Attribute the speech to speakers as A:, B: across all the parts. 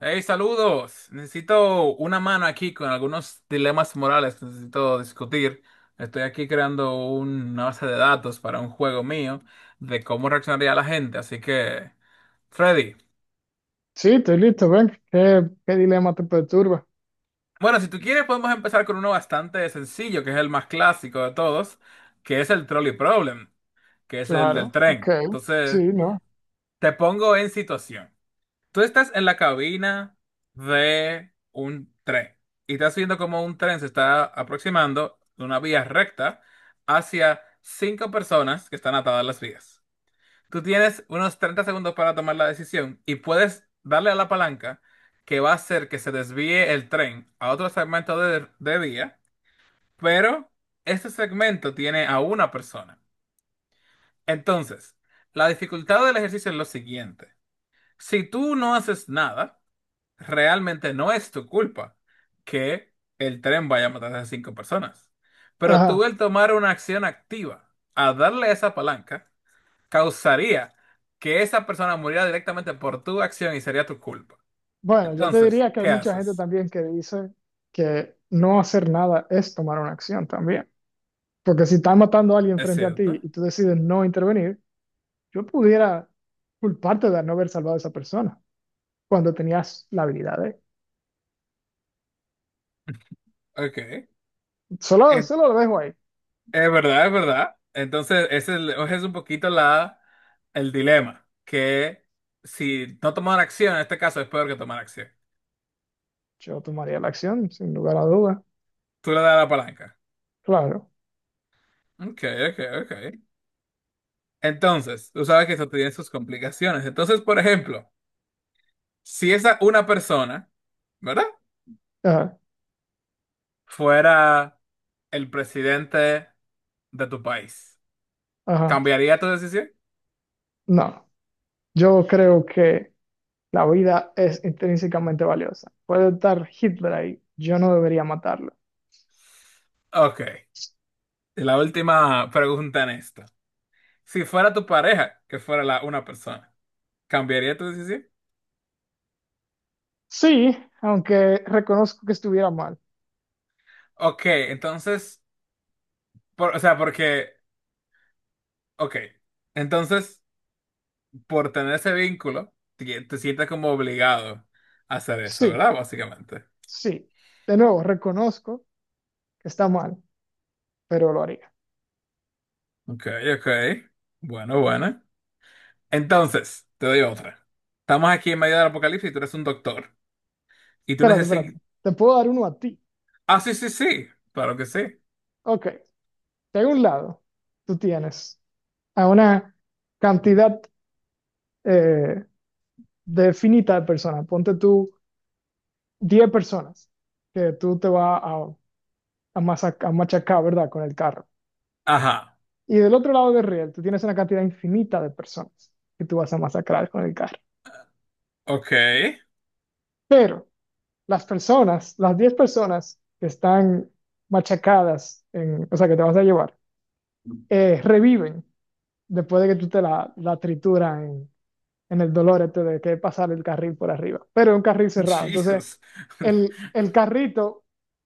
A: Hey, saludos. Necesito una mano aquí con algunos dilemas morales que necesito discutir. Estoy aquí creando una base de datos para un juego mío de cómo reaccionaría la gente. Así que, Freddy.
B: Sí, estoy listo, ven. ¿¿Qué dilema te perturba?
A: Bueno, si tú quieres, podemos empezar con uno bastante sencillo, que es el más clásico de todos, que es el trolley problem, que es el del
B: Claro, ok.
A: tren.
B: Sí,
A: Entonces,
B: ¿no?
A: te pongo en situación. Tú estás en la cabina de un tren y estás viendo cómo un tren se está aproximando de una vía recta hacia cinco personas que están atadas a las vías. Tú tienes unos 30 segundos para tomar la decisión y puedes darle a la palanca que va a hacer que se desvíe el tren a otro segmento de vía, pero este segmento tiene a una persona. Entonces, la dificultad del ejercicio es lo siguiente. Si tú no haces nada, realmente no es tu culpa que el tren vaya a matar a cinco personas. Pero tú
B: Ajá.
A: el tomar una acción activa a darle esa palanca causaría que esa persona muriera directamente por tu acción y sería tu culpa.
B: Bueno, yo te
A: Entonces,
B: diría que hay
A: ¿qué
B: mucha gente
A: haces?
B: también que dice que no hacer nada es tomar una acción también. Porque si está matando a alguien
A: ¿Es
B: frente a ti
A: cierto?
B: y tú decides no intervenir, yo pudiera culparte de no haber salvado a esa persona cuando tenías la habilidad de...
A: Ok.
B: Solo,
A: Es,
B: solo lo dejo ahí.
A: es verdad, es verdad. Entonces, ese es un poquito el dilema, que si no tomar acción, en este caso es peor que tomar acción.
B: Yo tomaría la acción, sin lugar a duda.
A: Tú le das la palanca.
B: Claro.
A: Ok, ok, ok. Entonces, tú sabes que eso tiene sus complicaciones. Entonces, por ejemplo, si esa una persona, ¿verdad?
B: Ajá,
A: Fuera el presidente de tu país,
B: ajá.
A: ¿cambiaría tu decisión?
B: No, yo creo que... La vida es intrínsecamente valiosa. Puede estar Hitler ahí. Yo no debería matarlo.
A: Ok. Y la última pregunta en esto. Si fuera tu pareja, que fuera la una persona, ¿cambiaría tu decisión?
B: Sí, aunque reconozco que estuviera mal.
A: Ok, entonces, o sea, porque, ok, entonces, por tener ese vínculo, te sientes como obligado a hacer eso,
B: Sí,
A: ¿verdad? Básicamente.
B: sí. De nuevo, reconozco que está mal, pero lo haría.
A: Ok, ok. Bueno, bueno. Entonces, te doy otra. Estamos aquí en medio del apocalipsis y tú eres un doctor. Y tú
B: Espérate, espérate.
A: necesitas...
B: Te puedo dar uno a ti.
A: Ah, sí, sí, sí. Claro que sí.
B: Ok. De un lado, tú tienes a una cantidad eh, definita de personas. Ponte tú 10 personas que tú te vas a machacar, ¿verdad? Con el carro.
A: Ajá.
B: Y del otro lado del riel, tú tienes una cantidad infinita de personas que tú vas a masacrar con el carro.
A: Ok.
B: Pero las personas, las 10 personas que están machacadas, en, o sea, que te vas a llevar, reviven después de que tú te la trituras en el dolor este de que pasar el carril por arriba. Pero es un carril cerrado. Entonces,
A: Jesus.
B: el carrito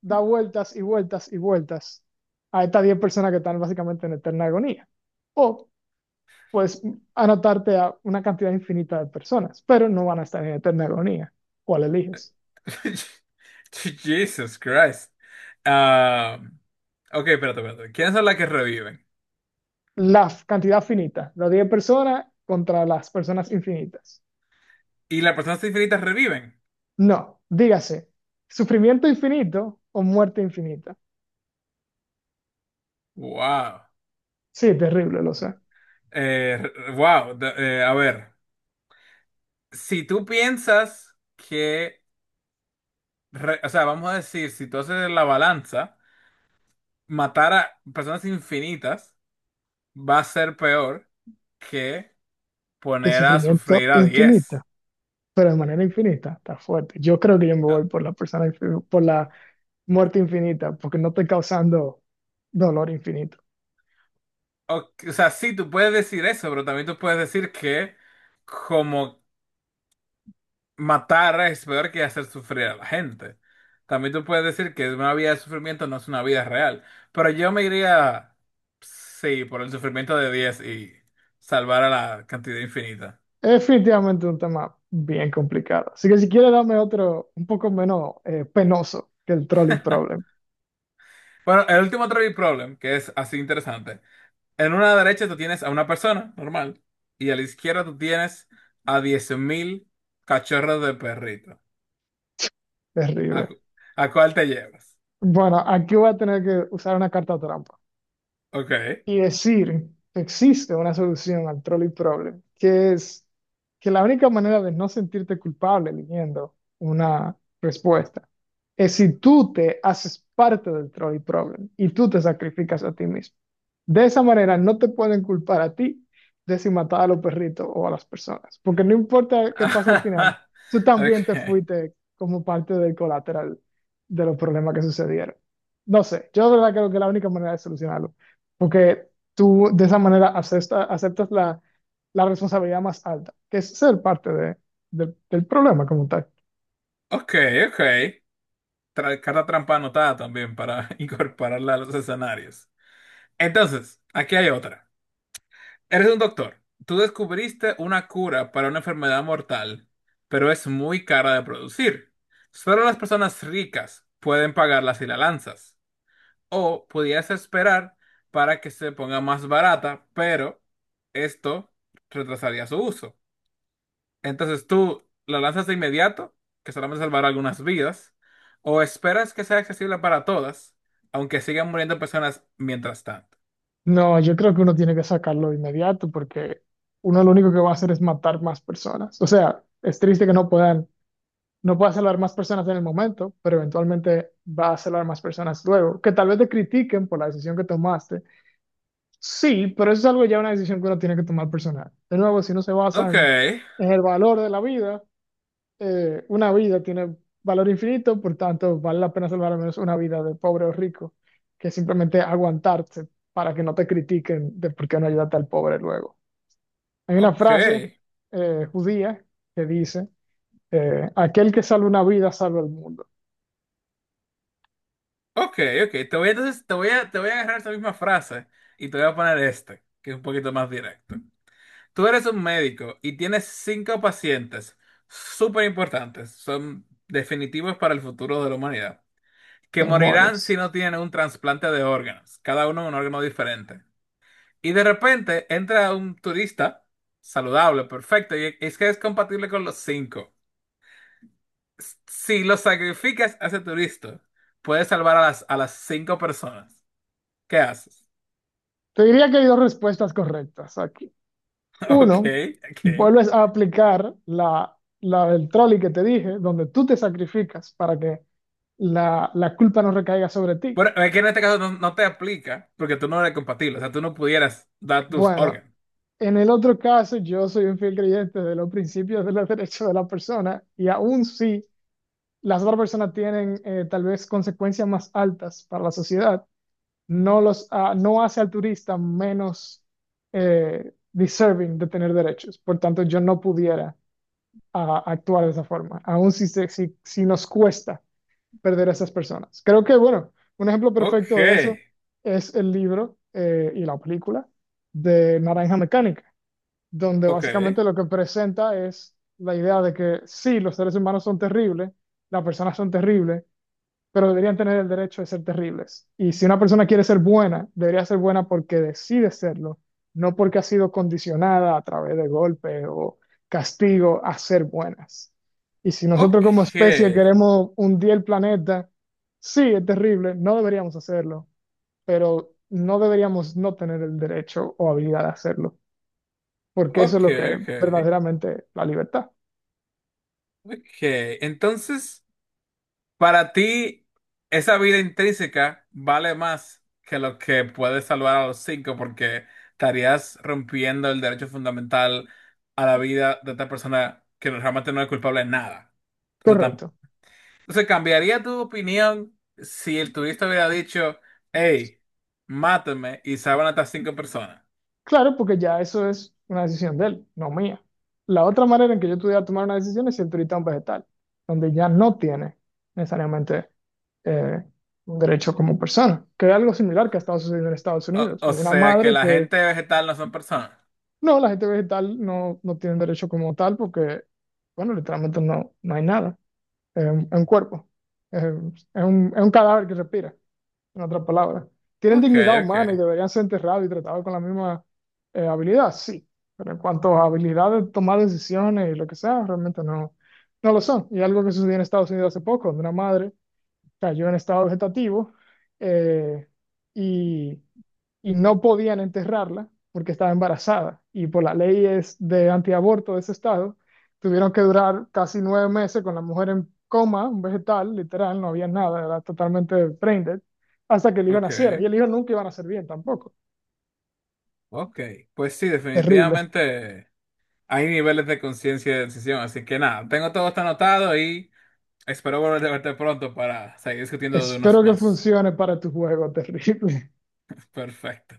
B: da vueltas y vueltas y vueltas a estas 10 personas que están básicamente en eterna agonía. O pues anotarte a una cantidad infinita de personas, pero no van a estar en eterna agonía. ¿Cuál eliges?
A: Jesus Christ. Ah, ok, espérate, espérate. ¿Quiénes son las que reviven?
B: La cantidad finita, las 10 personas contra las personas infinitas.
A: ¿Y las personas infinitas reviven?
B: No, dígase, sufrimiento infinito o muerte infinita.
A: Wow.
B: Sí, terrible, lo sé.
A: Wow. A ver. Si tú piensas que... o sea, vamos a decir, si tú haces la balanza... matar a personas infinitas va a ser peor que
B: Que
A: poner a
B: sufrimiento
A: sufrir a 10.
B: infinita, pero de manera infinita, está fuerte. Yo creo que yo me voy por la persona, por la muerte infinita, porque no estoy causando dolor infinito.
A: O, o sea, sí, tú puedes decir eso, pero también tú puedes decir que como matar es peor que hacer sufrir a la gente. También tú puedes decir que una vida de sufrimiento no es una vida real. Pero yo me iría, sí, por el sufrimiento de 10 y salvar a la cantidad infinita.
B: Es definitivamente un tema bien complicado. Así que si quieres dame otro un poco menos penoso que el trolley problem.
A: Bueno, el último trivia problem, que es así interesante. En una derecha tú tienes a una persona normal y a la izquierda tú tienes a 10.000 cachorros de perrito. ¿A,
B: Terrible.
A: cu- a cuál te llevas?
B: Bueno, aquí voy a tener que usar una carta trampa.
A: Ok.
B: Y decir que existe una solución al trolley problem, que es que la única manera de no sentirte culpable eligiendo una respuesta es si tú te haces parte del trolley problem y tú te sacrificas a ti mismo. De esa manera no te pueden culpar a ti de si matar a los perritos o a las personas, porque no importa qué pase al final, tú
A: Ok.
B: también te fuiste como parte del colateral de los problemas que sucedieron. No sé, yo de verdad creo que la única manera de solucionarlo porque tú de esa manera aceptas la responsabilidad más alta, que es ser parte del problema como tal.
A: Ok, ok. Carta trampa anotada también para incorporarla a los escenarios. Entonces, aquí hay otra. Eres un doctor. Tú descubriste una cura para una enfermedad mortal, pero es muy cara de producir. Solo las personas ricas pueden pagarla si la lanzas. O podías esperar para que se ponga más barata, pero esto retrasaría su uso. Entonces tú la lanzas de inmediato, que solamente salvará algunas vidas, o esperas que sea accesible para todas, aunque sigan muriendo personas mientras tanto.
B: No, yo creo que uno tiene que sacarlo de inmediato porque uno lo único que va a hacer es matar más personas. O sea, es triste que no pueda salvar más personas en el momento, pero eventualmente va a salvar más personas luego. Que tal vez te critiquen por la decisión que tomaste. Sí, pero eso es algo ya una decisión que uno tiene que tomar personal. De nuevo, si no se basa
A: Ok,
B: en el valor de la vida, una vida tiene valor infinito, por tanto, vale la pena salvar al menos una vida de pobre o rico, que simplemente aguantarse para que no te critiquen de por qué no ayudaste al pobre luego. Hay una
A: ok,
B: frase judía que dice, aquel que salva una vida salva el mundo.
A: ok, ok. Entonces, te voy a agarrar esa misma frase y te voy a poner este, que es un poquito más directo. Tú eres un médico y tienes cinco pacientes súper importantes, son definitivos para el futuro de la humanidad, que morirán si
B: Demonios.
A: no tienen un trasplante de órganos, cada uno un órgano diferente. Y de repente entra un turista saludable, perfecto, y es que es compatible con los cinco. Si lo sacrificas a ese turista, puedes salvar a a las cinco personas. ¿Qué haces?
B: Te diría que hay dos respuestas correctas aquí.
A: Ok,
B: Uno,
A: ok.
B: vuelves a aplicar la del trolley que te dije, donde tú te sacrificas para que la culpa no recaiga sobre ti.
A: Bueno, es que en este caso no, no te aplica porque tú no eres compatible, o sea, tú no pudieras dar tus
B: Bueno,
A: órganos.
B: en el otro caso, yo soy un fiel creyente de los principios de los derechos de la persona y aún si las otras personas tienen tal vez consecuencias más altas para la sociedad, no hace al turista menos deserving de tener derechos. Por tanto, yo no pudiera actuar de esa forma, aún si nos cuesta perder a esas personas. Creo que, bueno, un ejemplo
A: Ok,
B: perfecto de eso es el libro y la película de Naranja Mecánica donde
A: ok,
B: básicamente lo que presenta es la idea de que sí, los seres humanos son terribles, las personas son terribles, pero deberían tener el derecho de ser terribles. Y si una persona quiere ser buena, debería ser buena porque decide serlo, no porque ha sido condicionada a través de golpes o castigo a ser buenas. Y si nosotros
A: ok,
B: como especie queremos hundir el planeta, sí, es terrible, no deberíamos hacerlo, pero no deberíamos no tener el derecho o habilidad de hacerlo porque eso es
A: ok,
B: lo que es
A: ok,
B: verdaderamente la libertad.
A: ok. Entonces, para ti, esa vida intrínseca vale más que lo que puedes salvar a los cinco porque estarías rompiendo el derecho fundamental a la vida de esta persona que realmente no es culpable de nada. Entonces,
B: Correcto.
A: Entonces, ¿cambiaría tu opinión si el turista hubiera dicho, hey, mátame y salvan hasta cinco personas?
B: Claro, porque ya eso es una decisión de él, no mía. La otra manera en que yo pudiera tomar una decisión es si ahorita un vegetal, donde ya no tiene necesariamente eh, un derecho como persona, que es algo similar que ha estado sucediendo en Estados
A: O,
B: Unidos.
A: o
B: Hubo una
A: sea que
B: madre
A: la
B: que,
A: gente vegetal no son personas.
B: no, la gente vegetal no tiene derecho como tal porque, bueno, literalmente no hay nada. Es es un cuerpo, es un cadáver que respira, en otras palabras. Tienen
A: Ok,
B: dignidad
A: ok,
B: humana y deberían ser enterrados y tratados con la misma habilidad, sí, pero en cuanto a habilidades de tomar decisiones y lo que sea, realmente no lo son. Y algo que sucedió en Estados Unidos hace poco, donde una madre cayó en estado vegetativo eh, y y no podían enterrarla porque estaba embarazada y por las leyes de antiaborto de ese estado, tuvieron que durar casi 9 meses con la mujer en coma, un vegetal, literal, no había nada, era totalmente brain dead, hasta que el hijo
A: ok,
B: naciera. Y el hijo nunca iba a nacer bien tampoco.
A: ok. Pues sí,
B: Terrible.
A: definitivamente hay niveles de conciencia y de decisión. Así que nada, tengo todo esto anotado y espero volver a verte pronto para seguir discutiendo de unos
B: Espero que
A: más.
B: funcione para tu juego, terrible.
A: Perfecto.